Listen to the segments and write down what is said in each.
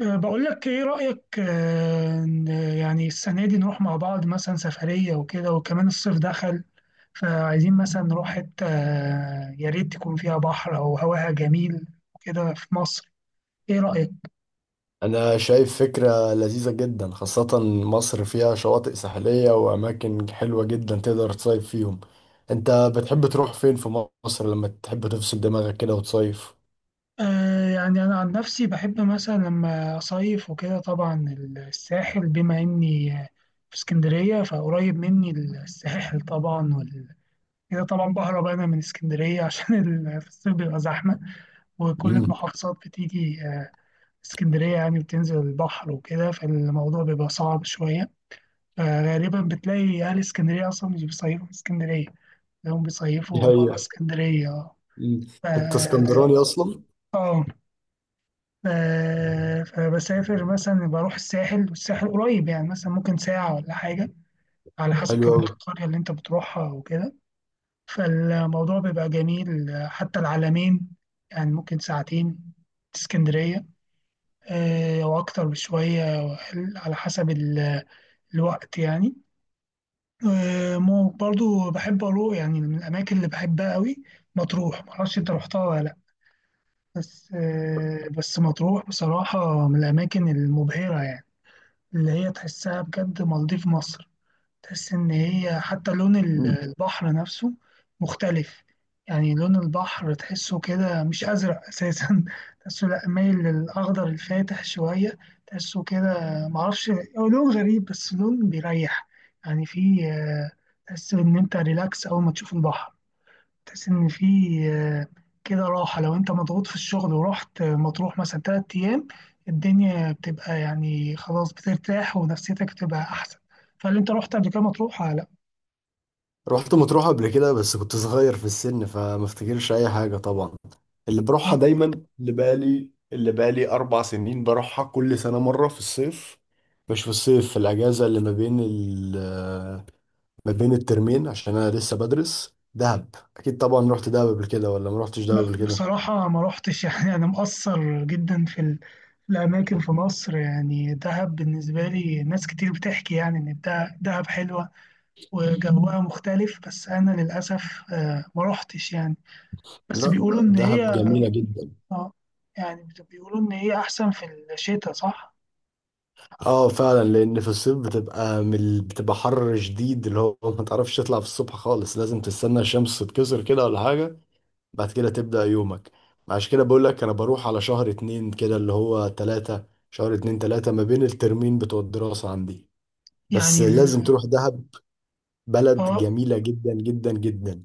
بقول لك ايه رأيك إن يعني السنة دي نروح مع بعض مثلا سفرية وكده، وكمان الصيف دخل، فعايزين مثلا نروح حتة يا ريت تكون فيها بحر او هواها جميل وكده في مصر. ايه رأيك؟ أنا شايف فكرة لذيذة جدا، خاصة مصر فيها شواطئ ساحلية وأماكن حلوة جدا تقدر تصيف فيهم. أنت بتحب تروح فين في مصر لما تحب تفصل دماغك كده وتصيف؟ يعني انا عن نفسي بحب مثلا لما اصيف وكده، طبعا الساحل، بما اني في اسكندرية فقريب مني الساحل طبعا. كده طبعا بهرب انا من اسكندرية عشان في الصيف بيبقى زحمة، وكل مم. المحافظات بتيجي اسكندرية يعني بتنزل البحر وكده، فالموضوع بيبقى صعب شوية. فغالبا بتلاقي أهل اسكندرية أصلا مش بيصيفوا في اسكندرية، تلاقيهم دي بيصيفوا برا حقيقة. اسكندرية. اه. مم. ف- أنت اسكندراني أصلا؟ اه ف- فبسافر مثلا، بروح الساحل، والساحل قريب يعني مثلا ممكن ساعة ولا حاجة، على حسب حلو كمان أوي. القرية اللي انت بتروحها وكده. فالموضوع بيبقى جميل. حتى العلمين يعني ممكن ساعتين اسكندرية، أو أكتر بشوية، على حسب الوقت يعني. برضو بحب أروح، يعني من الأماكن اللي بحبها قوي مطروح، معرفش أنت رحتها ولا لأ. بس بس مطروح بصراحة من الأماكن المبهرة، يعني اللي هي تحسها بجد مالديف مصر. تحس إن هي حتى لون مم. البحر نفسه مختلف. يعني لون البحر تحسه كده مش أزرق أساسا تحسه لأ، مايل للأخضر الفاتح شوية. تحسه كده، معرفش. هو لون غريب، بس لون بيريح. يعني فيه تحس إن أنت ريلاكس أول ما تشوف البحر. تحس إن في آه، كده راحة. لو أنت مضغوط في الشغل ورحت مطروح مثلا 3 أيام، الدنيا بتبقى يعني خلاص بترتاح ونفسيتك بتبقى أحسن. فهل أنت رحت قبل كده مطروح ولا لأ؟ رحت مطروح قبل كده بس كنت صغير في السن فما افتكرش أي حاجة طبعا. اللي بروحها دايما، اللي بقالي أربع سنين بروحها كل سنة مرة في الصيف، مش في الصيف، في الأجازة اللي ما بين الترمين، عشان انا لسه بدرس. دهب اكيد طبعا. رحت دهب قبل كده ولا ما رحتش دهب قبل كده؟ بصراحة ما رحتش يعني أنا مقصر جدا في في الأماكن في مصر. يعني دهب بالنسبة لي، ناس كتير بتحكي يعني إن دهب حلوة وجوها مختلف، بس أنا للأسف ما رحتش يعني. بس لا، بيقولوا إن دهب هي، جميلة جدا. اه، يعني بيقولوا ان هي احسن في الشتاء، صح؟ اه فعلا، لان في الصيف بتبقى بتبقى حر شديد، اللي هو ما تعرفش تطلع في الصبح خالص، لازم تستنى الشمس تتكسر كده ولا حاجة، بعد كده تبدأ يومك. عشان كده بقول لك انا بروح على شهر اتنين كده، اللي هو تلاتة، شهر اتنين تلاتة، ما بين الترمين بتوع الدراسة عندي. بس يعني لازم تروح دهب، بلد اه جميلة جدا جدا جدا.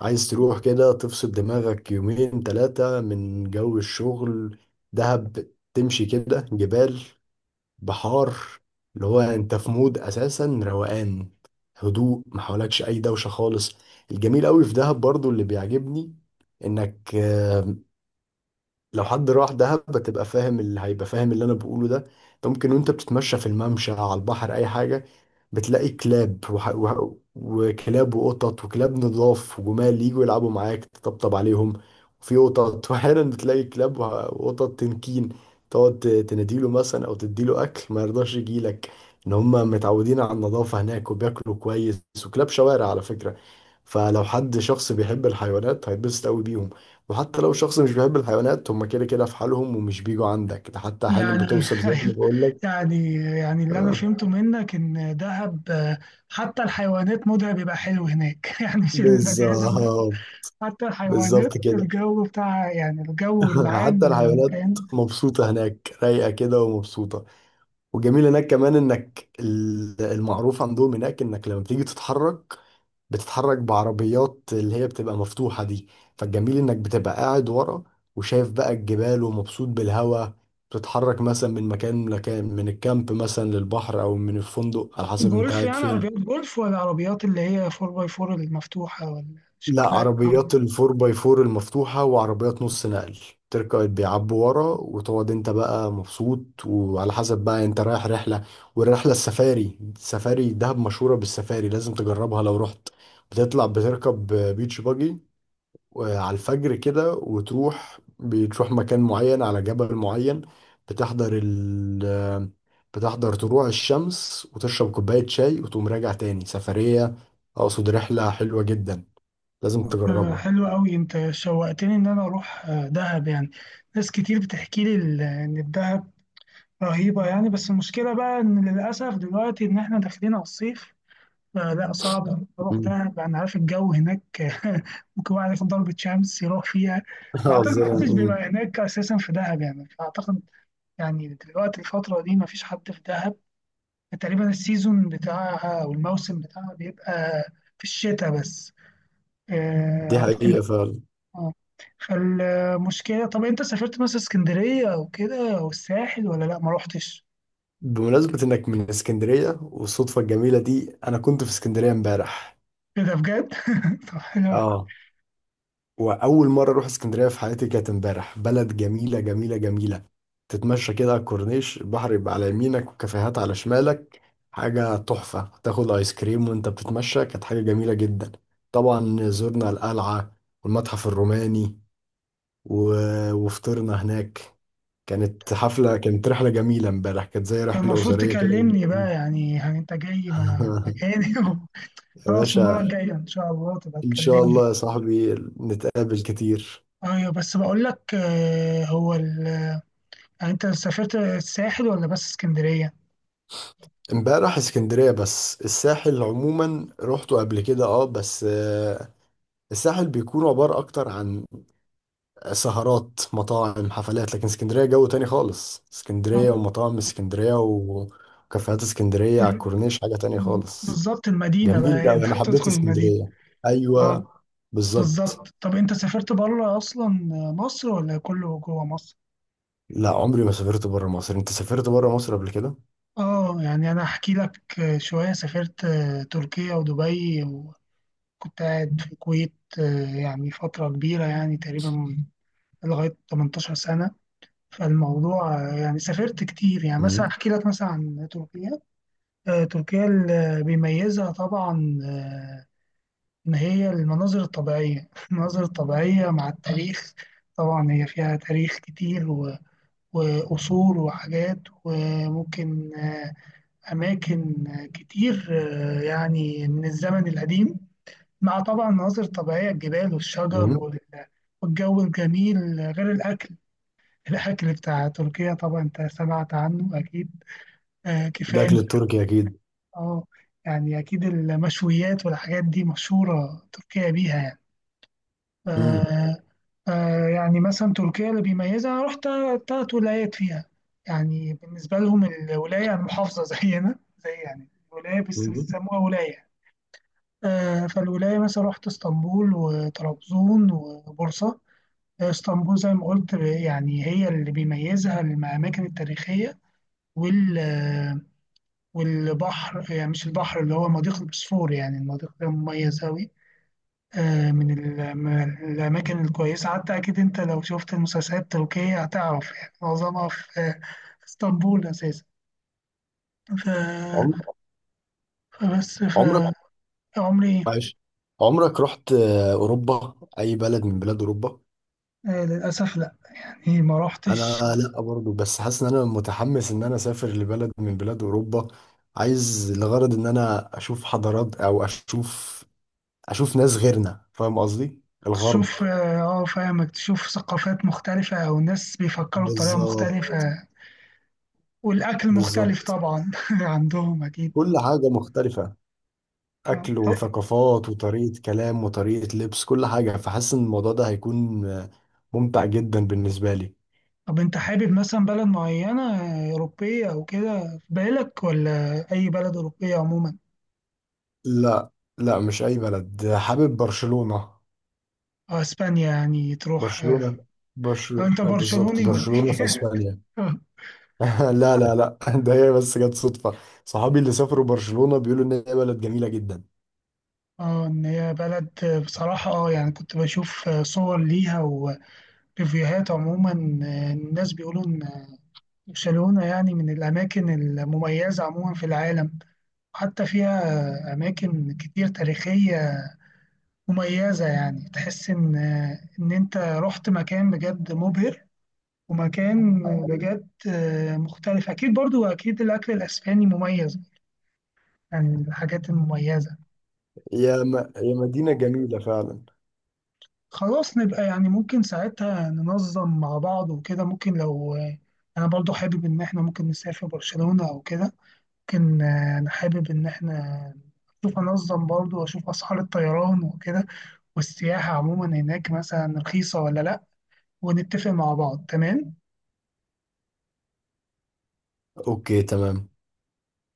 عايز تروح كده تفصل دماغك يومين تلاتة من جو الشغل، دهب، تمشي كده جبال، بحار، اللي هو انت في مود اساسا روقان، هدوء، ما حولكش اي دوشة خالص. الجميل قوي في دهب برضو اللي بيعجبني، انك لو حد راح دهب بتبقى فاهم، اللي هيبقى فاهم اللي انا بقوله ده، انت ممكن وانت بتتمشى في الممشى على البحر اي حاجه بتلاقي كلاب وكلاب وقطط، وكلاب نضاف، وجمال يجوا يلعبوا معاك تطبطب عليهم، وفي قطط. واحيانا بتلاقي كلاب وقطط تنكين، تقعد تناديله مثلا او تديله اكل ما يرضاش يجيلك، ان هم متعودين على النظافه هناك وبياكلوا كويس، وكلاب شوارع على فكره. فلو حد شخص بيحب الحيوانات هيتبسط قوي بيهم، وحتى لو الشخص مش بيحب الحيوانات هم كده كده في حالهم ومش بيجوا عندك، ده حتى احيانا يعني بتوصل زي ما بقول لك. يعني اللي انا آه، فهمته منك ان دهب، حتى الحيوانات مودها بيبقى حلو هناك يعني مش البني ادم بس. بالظبط. حتى الحيوانات بالظبط كده. الجو بتاعها، يعني الجو العام حتى الحيوانات للمكان. مبسوطة هناك، رايقة كده ومبسوطة. وجميل هناك كمان انك المعروف عندهم هناك انك لما بتيجي تتحرك، بتتحرك بعربيات اللي هي بتبقى مفتوحة دي، فالجميل انك بتبقى قاعد ورا وشايف بقى الجبال ومبسوط بالهواء، بتتحرك مثلا من مكان لمكان، من الكامب مثلا للبحر او من الفندق، على حسب انت جولف؟ قاعد يعني عربيات فين. جولف، ولا عربيات اللي هي 4 باي 4 المفتوحة، ولا لا، شكلها إيه؟ عربيات الفور باي فور المفتوحة، وعربيات نص نقل، تركب بيعبوا ورا وتقعد انت بقى مبسوط، وعلى حسب بقى انت رايح رحلة. والرحلة السفاري، السفاري دهب مشهورة بالسفاري، لازم تجربها لو رحت. بتطلع بتركب بيتش باجي، وعلى الفجر كده، وتروح بتروح مكان معين على جبل معين، بتحضر ال بتحضر طلوع الشمس، وتشرب كوباية شاي وتقوم راجع تاني سفرية. أقصد رحلة حلوة جدا، لازم تجربها. حلو قوي، انت شوقتني ان انا اروح دهب يعني. ناس كتير بتحكي لي ان الدهب رهيبة يعني. بس المشكلة بقى ان للاسف دلوقتي ان احنا داخلين على الصيف، فلا صعب إن اروح مم. دهب. انا عارف الجو هناك ممكن واحد ياخد ضربة شمس يروح فيها. اه واعتقد زي محدش مم. بيبقى هناك اساسا في دهب يعني، فاعتقد يعني دلوقتي الفترة دي مفيش حد في دهب تقريبا. السيزون بتاعها او الموسم بتاعها بيبقى في الشتاء بس، دي اعتقد. حقيقة فعلا. آه. فالمشكلة، طب أنت سافرت مثلا اسكندرية أو كده أو الساحل ولا لأ ما روحتش؟ بمناسبة إنك من اسكندرية والصدفة الجميلة دي، أنا كنت في اسكندرية امبارح. إيه ده بجد؟ طب حلو أوي. اه، واول مره اروح اسكندريه في حياتي كانت امبارح. بلد جميله جميله جميله، تتمشى كده على الكورنيش، البحر يبقى على يمينك وكافيهات على شمالك، حاجه تحفه، تاخد ايس كريم وانت بتتمشى، كانت حاجه جميله جدا. طبعا زرنا القلعه والمتحف الروماني و... وفطرنا هناك. كانت حفله، كانت رحله جميله امبارح، كانت زي كان رحله المفروض اسريه كده. تكلمني بقى، يعني يعني أنت جاي مكاني يا خلاص المرة باشا. الجاية إن شاء الله تبقى ان شاء تكلمني. الله يا صاحبي، نتقابل كتير. أيوة، بس بقول لك، يعني أنت سافرت الساحل ولا بس اسكندرية؟ امبارح اسكندرية بس، الساحل عموما روحته قبل كده اه، بس الساحل بيكون عبارة اكتر عن سهرات، مطاعم، حفلات، لكن اسكندرية جو تاني خالص، آه. اسكندرية ومطاعم اسكندرية وكافيهات اسكندرية على ال- الكورنيش حاجة تانية خالص. بالظبط، المدينة جميل بقى اوي، هنا انا حبيت تدخل المدينة. اسكندرية. ايوه. أه، بالظبط. بالظبط. طب أنت سافرت بره أصلا مصر ولا كله جوه مصر؟ لا، عمري ما سافرت بره مصر، انت سافرت بره مصر قبل كده؟ اه، يعني انا احكي لك، شويه، سافرت تركيا ودبي، وكنت قاعد في الكويت يعني فتره كبيره، يعني تقريبا لغايه 18 سنه. فالموضوع يعني سافرت كتير. يعني امم. مثلا احكي لك مثلا عن تركيا. تركيا اللي بيميزها طبعا ان هي المناظر الطبيعيه المناظر الطبيعيه مع التاريخ. طبعا هي فيها تاريخ كتير وقصور وحاجات، وممكن أماكن كتير يعني من الزمن القديم، مع طبعا مناظر طبيعية، الجبال والشجر امم. والجو الجميل، غير الأكل. الأكل بتاع تركيا طبعا أنت سمعت عنه أكيد، الاكل كفاية. التركي اكيد. اه، يعني أكيد المشويات والحاجات دي مشهورة تركيا بيها يعني. امم. آه، يعني مثلا تركيا اللي بيميزها، أنا رحت تلات ولايات فيها. يعني بالنسبة لهم الولاية يعني محافظة زينا، زي يعني ولاية بس بيسموها ولاية. فالولاية مثلا رحت اسطنبول وطرابزون وبورصة. اسطنبول زي ما قلت، يعني هي اللي بيميزها الأماكن التاريخية وال آه، والبحر. يعني مش البحر، اللي هو مضيق البوسفور، يعني المضيق ده مميز أوي. من من الأماكن الكويسة. حتى أكيد أنت لو شفت المسلسلات التركية هتعرف، يعني معظمها في في اسطنبول أساسا. ف- فبس عمرك فعمري عايش، عمرك رحت اوروبا، اي بلد من بلاد اوروبا؟ للأسف لأ، يعني ما روحتش. انا لا برضو، بس حاسس ان انا متحمس ان انا اسافر لبلد من بلاد اوروبا. عايز لغرض ان انا اشوف حضارات او اشوف، اشوف ناس غيرنا، فاهم قصدي، الغرب. تشوف، اه، فاهمك، تشوف ثقافات مختلفة أو ناس بيفكروا بطريقة بالظبط. مختلفة، والأكل مختلف بالظبط، طبعا عندهم أكيد. كل حاجة مختلفة، اكل طب وثقافات وطريقة كلام وطريقة لبس، كل حاجة، فحاسس ان الموضوع ده هيكون ممتع جدا بالنسبة لي. طب أنت حابب مثلا بلد معينة أوروبية أو كده في بالك، ولا أي بلد أوروبية عموما؟ لا لا، مش اي بلد، حابب برشلونة. أو أسبانيا يعني تروح. برشلونة. أو برشلونة أنت اه، بالظبط، برشلوني ولا برشلونة في إيه؟ اسبانيا. لا لا لا، ده هي بس جت صدفة، صحابي اللي سافروا برشلونة بيقولوا ان هي بلد جميلة جدا. اه، ان هي بلد، بصراحة، اه، يعني كنت بشوف صور ليها وريفيوهات عموما. الناس بيقولوا برشلونة يعني من الأماكن المميزة عموما في العالم. حتى فيها أماكن كتير تاريخية مميزة. يعني تحس إن، إن أنت رحت مكان بجد مبهر، ومكان بجد مختلف. أكيد، برضو أكيد الأكل الأسباني مميز يعني، الحاجات المميزة. يا مدينة جميلة فعلا. خلاص، نبقى يعني ممكن ساعتها ننظم مع بعض وكده. ممكن لو أنا برضو حابب إن إحنا ممكن نسافر برشلونة أو كده، لكن أنا حابب إن إحنا أشوف، أنظم برضه وأشوف أسعار الطيران وكده، والسياحة عموما هناك مثلا رخيصة ولا لأ، ونتفق مع بعض، تمام؟ اوكي تمام.